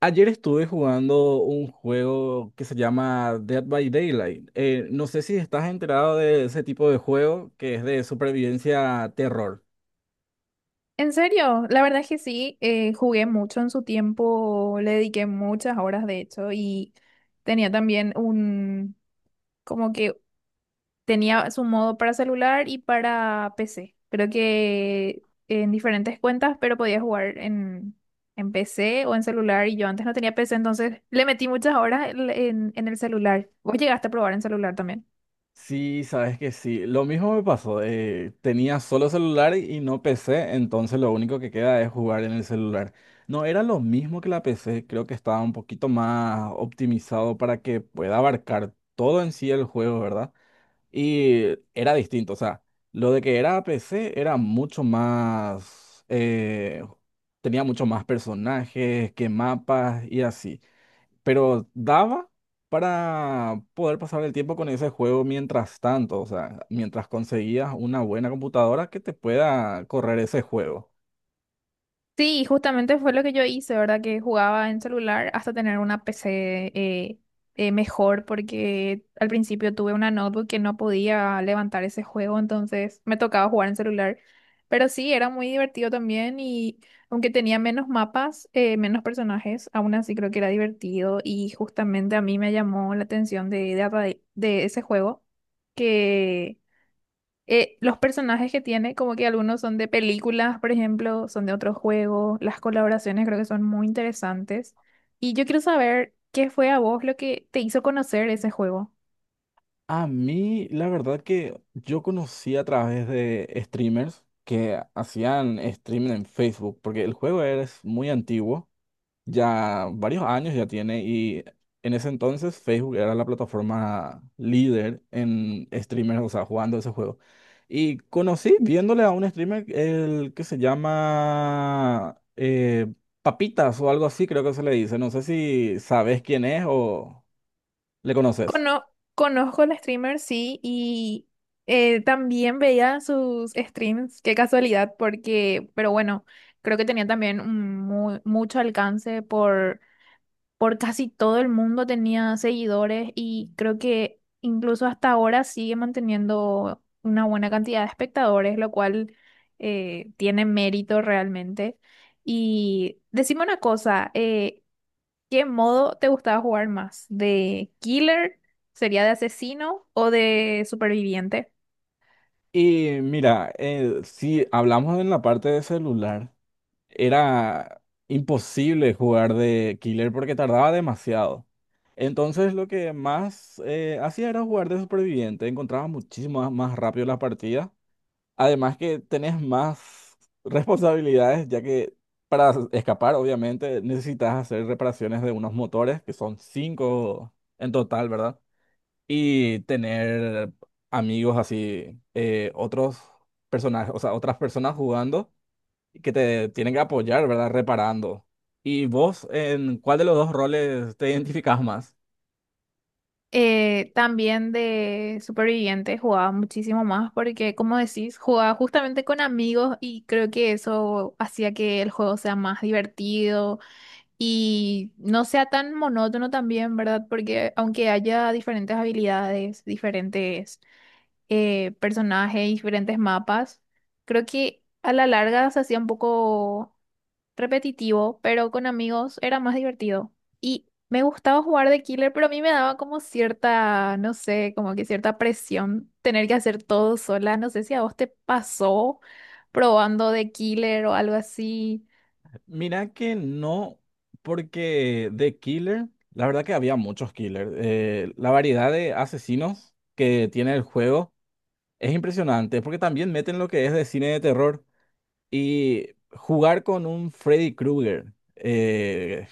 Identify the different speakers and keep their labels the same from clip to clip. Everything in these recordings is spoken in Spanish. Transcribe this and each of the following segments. Speaker 1: Ayer estuve jugando un juego que se llama Dead by Daylight. No sé si estás enterado de ese tipo de juego que es de supervivencia terror.
Speaker 2: En serio, la verdad es que sí, jugué mucho en su tiempo, le dediqué muchas horas de hecho y tenía también un, como que tenía su modo para celular y para PC. Creo que en diferentes cuentas, pero podía jugar en PC o en celular y yo antes no tenía PC, entonces le metí muchas horas en el celular. ¿Vos llegaste a probar en celular también?
Speaker 1: Sí, sabes que sí. Lo mismo me pasó. Tenía solo celular y no PC, entonces lo único que queda es jugar en el celular. No era lo mismo que la PC, creo que estaba un poquito más optimizado para que pueda abarcar todo en sí el juego, ¿verdad? Y era distinto, o sea, lo de que era PC era mucho más, tenía mucho más personajes que mapas y así. Pero daba para poder pasar el tiempo con ese juego mientras tanto, o sea, mientras conseguías una buena computadora que te pueda correr ese juego.
Speaker 2: Sí, justamente fue lo que yo hice, ¿verdad? Que jugaba en celular hasta tener una PC mejor, porque al principio tuve una notebook que no podía levantar ese juego, entonces me tocaba jugar en celular. Pero sí, era muy divertido también y aunque tenía menos mapas, menos personajes, aún así creo que era divertido y justamente a mí me llamó la atención de ese juego que los personajes que tiene, como que algunos son de películas, por ejemplo, son de otros juegos, las colaboraciones creo que son muy interesantes. Y yo quiero saber qué fue a vos lo que te hizo conocer ese juego.
Speaker 1: A mí, la verdad que yo conocí a través de streamers que hacían streaming en Facebook, porque el juego es muy antiguo ya varios años ya tiene y en ese entonces Facebook era la plataforma líder en streamers, o sea, jugando ese juego. Y conocí viéndole a un streamer el que se llama Papitas o algo así, creo que se le dice. No sé si sabes quién es o le conoces.
Speaker 2: Cono- Conozco al streamer, sí, y también veía sus streams, qué casualidad, porque, pero bueno, creo que tenía también mucho alcance por casi todo el mundo tenía seguidores y creo que incluso hasta ahora sigue manteniendo una buena cantidad de espectadores, lo cual tiene mérito realmente. Y decime una cosa, ¿qué modo te gustaba jugar más? ¿De killer? ¿Sería de asesino o de superviviente?
Speaker 1: Y mira, si hablamos en la parte de celular, era imposible jugar de Killer porque tardaba demasiado. Entonces lo que más hacía era jugar de superviviente, encontraba muchísimo más rápido las partidas. Además que tenés más responsabilidades, ya que para escapar obviamente necesitas hacer reparaciones de unos motores, que son cinco en total, ¿verdad? Y tener amigos así, otros personajes, o sea, otras personas jugando y que te tienen que apoyar, ¿verdad? Reparando. ¿Y vos en cuál de los dos roles te identificás más?
Speaker 2: También de superviviente jugaba muchísimo más porque, como decís, jugaba justamente con amigos y creo que eso hacía que el juego sea más divertido y no sea tan monótono también, ¿verdad? Porque aunque haya diferentes habilidades, diferentes personajes y diferentes mapas. Creo que a la larga se hacía un poco repetitivo, pero con amigos era más divertido. Y me gustaba jugar de killer, pero a mí me daba como cierta, no sé, como que cierta presión tener que hacer todo sola. No sé si a vos te pasó probando de killer o algo así.
Speaker 1: Mira que no, porque de Killer, la verdad que había muchos Killer. La variedad de asesinos que tiene el juego es impresionante, porque también meten lo que es de cine de terror y jugar con un Freddy Krueger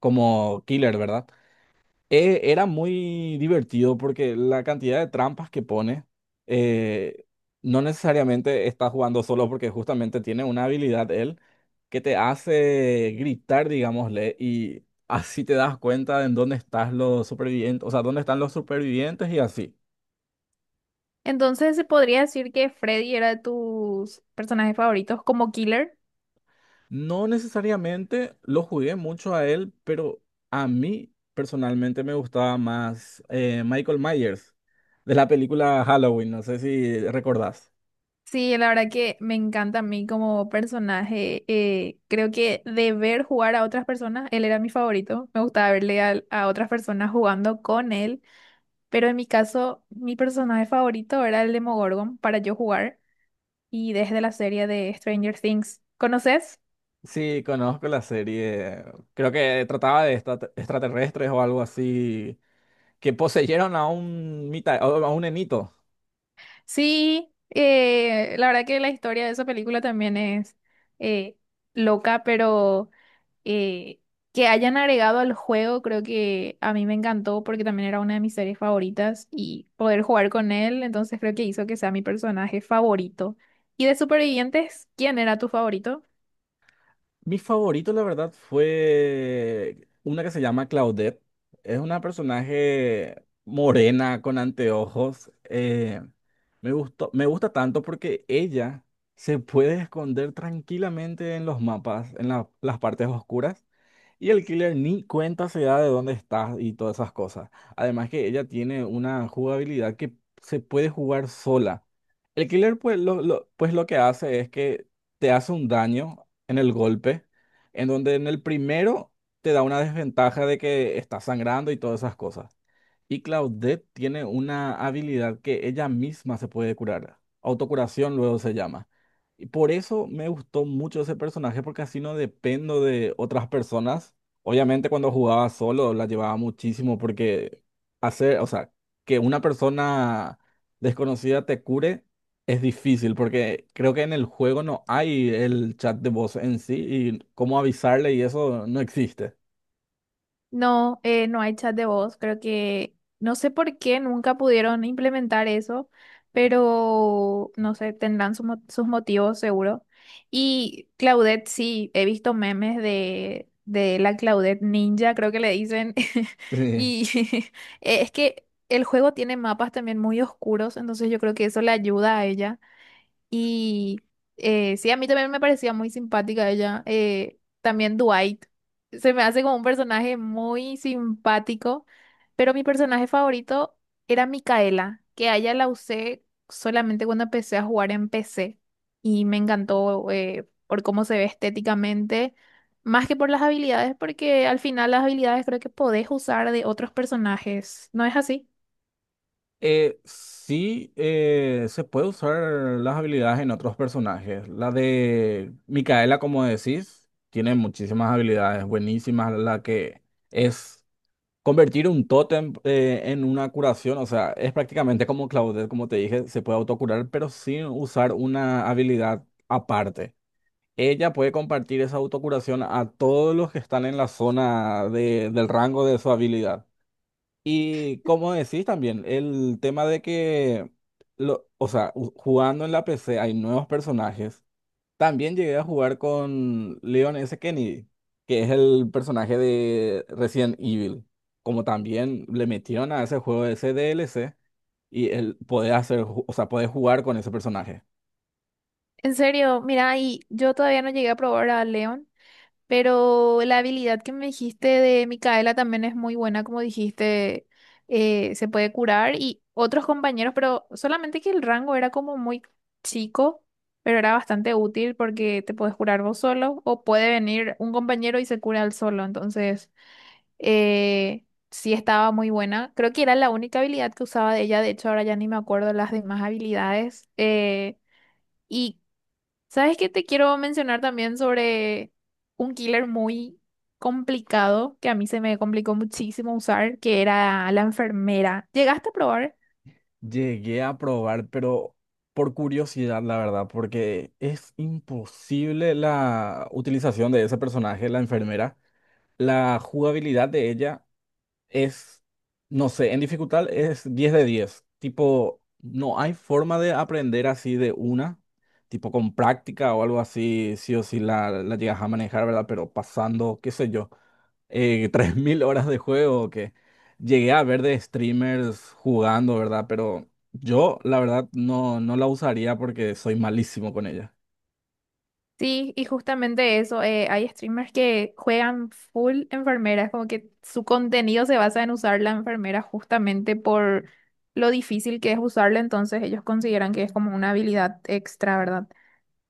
Speaker 1: como Killer, ¿verdad? Era muy divertido porque la cantidad de trampas que pone eh, no necesariamente está jugando solo porque justamente tiene una habilidad él que te hace gritar, digámosle, y así te das cuenta de en dónde están los supervivientes, o sea, dónde están los supervivientes y así.
Speaker 2: Entonces, ¿se podría decir que Freddy era de tus personajes favoritos como killer?
Speaker 1: No necesariamente lo jugué mucho a él, pero a mí personalmente me gustaba más Michael Myers de la película Halloween, no sé si recordás.
Speaker 2: Sí, la verdad que me encanta a mí como personaje. Creo que de ver jugar a otras personas, él era mi favorito. Me gustaba otras personas jugando con él. Pero en mi caso, mi personaje favorito era el Demogorgon para yo jugar. Y desde la serie de Stranger Things. ¿Conoces?
Speaker 1: Sí, conozco la serie. Creo que trataba de extraterrestres o algo así que poseyeron a un a un enito.
Speaker 2: Sí, la verdad que la historia de esa película también es eh, loca, pero. eh, que hayan agregado al juego, creo que a mí me encantó porque también era una de mis series favoritas y poder jugar con él, entonces creo que hizo que sea mi personaje favorito. ¿Y de supervivientes, quién era tu favorito?
Speaker 1: Mi favorito, la verdad, fue una que se llama Claudette. Es una personaje morena con anteojos. Me gustó, me gusta tanto porque ella se puede esconder tranquilamente en los mapas, en las partes oscuras. Y el killer ni cuenta se da de dónde estás y todas esas cosas. Además que ella tiene una jugabilidad que se puede jugar sola. El killer pues pues lo que hace es que te hace un daño en el golpe, en donde en el primero te da una desventaja de que estás sangrando y todas esas cosas. Y Claudette tiene una habilidad que ella misma se puede curar. Autocuración luego se llama. Y por eso me gustó mucho ese personaje, porque así no dependo de otras personas. Obviamente cuando jugaba solo la llevaba muchísimo, porque hacer, o sea, que una persona desconocida te cure es difícil, porque creo que en el juego no hay el chat de voz en sí, y cómo avisarle y eso no existe.
Speaker 2: No, no hay chat de voz. Creo que no sé por qué nunca pudieron implementar eso, pero no sé, tendrán sus motivos seguro. Y Claudette, sí, he visto memes de la Claudette Ninja, creo que le dicen.
Speaker 1: Sí.
Speaker 2: Y es que el juego tiene mapas también muy oscuros, entonces yo creo que eso le ayuda a ella. Y sí, a mí también me parecía muy simpática ella. También Dwight. Se me hace como un personaje muy simpático, pero mi personaje favorito era Micaela, que a ella la usé solamente cuando empecé a jugar en PC y me encantó por cómo se ve estéticamente, más que por las habilidades, porque al final las habilidades creo que podés usar de otros personajes, ¿no es así?
Speaker 1: Sí, se puede usar las habilidades en otros personajes. La de Micaela, como decís, tiene muchísimas habilidades buenísimas. La que es convertir un tótem en una curación. O sea, es prácticamente como Claudette, como te dije, se puede autocurar, pero sin usar una habilidad aparte. Ella puede compartir esa autocuración a todos los que están en la zona del rango de su habilidad. Y como decís también, el tema de que, o sea, jugando en la PC hay nuevos personajes. También llegué a jugar con Leon S. Kennedy, que es el personaje de Resident Evil. Como también le metieron a ese juego ese DLC y él podés hacer, o sea, podés jugar con ese personaje.
Speaker 2: En serio, mira, y yo todavía no llegué a probar a Leon. Pero la habilidad que me dijiste de Micaela también es muy buena, como dijiste, se puede curar y otros compañeros, pero solamente que el rango era como muy chico, pero era bastante útil porque te puedes curar vos solo o puede venir un compañero y se cura él solo. Entonces, sí estaba muy buena. Creo que era la única habilidad que usaba de ella, de hecho ahora ya ni me acuerdo las demás habilidades. ¿Y sabes qué te quiero mencionar también sobre un killer muy complicado que a mí se me complicó muchísimo usar, que era la enfermera? ¿Llegaste a probar?
Speaker 1: Llegué a probar, pero por curiosidad, la verdad, porque es imposible la utilización de ese personaje, la enfermera. La jugabilidad de ella es, no sé, en dificultad es 10 de 10 tipo, no hay forma de aprender así de una, tipo con práctica o algo así, sí o sí la llegas a manejar, ¿verdad? Pero pasando, qué sé yo, 3.000 horas de juego que llegué a ver de streamers jugando, ¿verdad? Pero yo, la verdad, no, no la usaría porque soy malísimo con ella.
Speaker 2: Sí, y justamente eso, hay streamers que juegan full enfermeras, como que su contenido se basa en usar la enfermera justamente por lo difícil que es usarla, entonces ellos consideran que es como una habilidad extra, ¿verdad?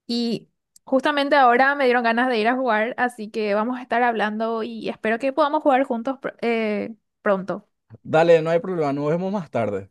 Speaker 2: Y justamente ahora me dieron ganas de ir a jugar, así que vamos a estar hablando y espero que podamos jugar juntos pronto.
Speaker 1: Dale, no hay problema, nos vemos más tarde.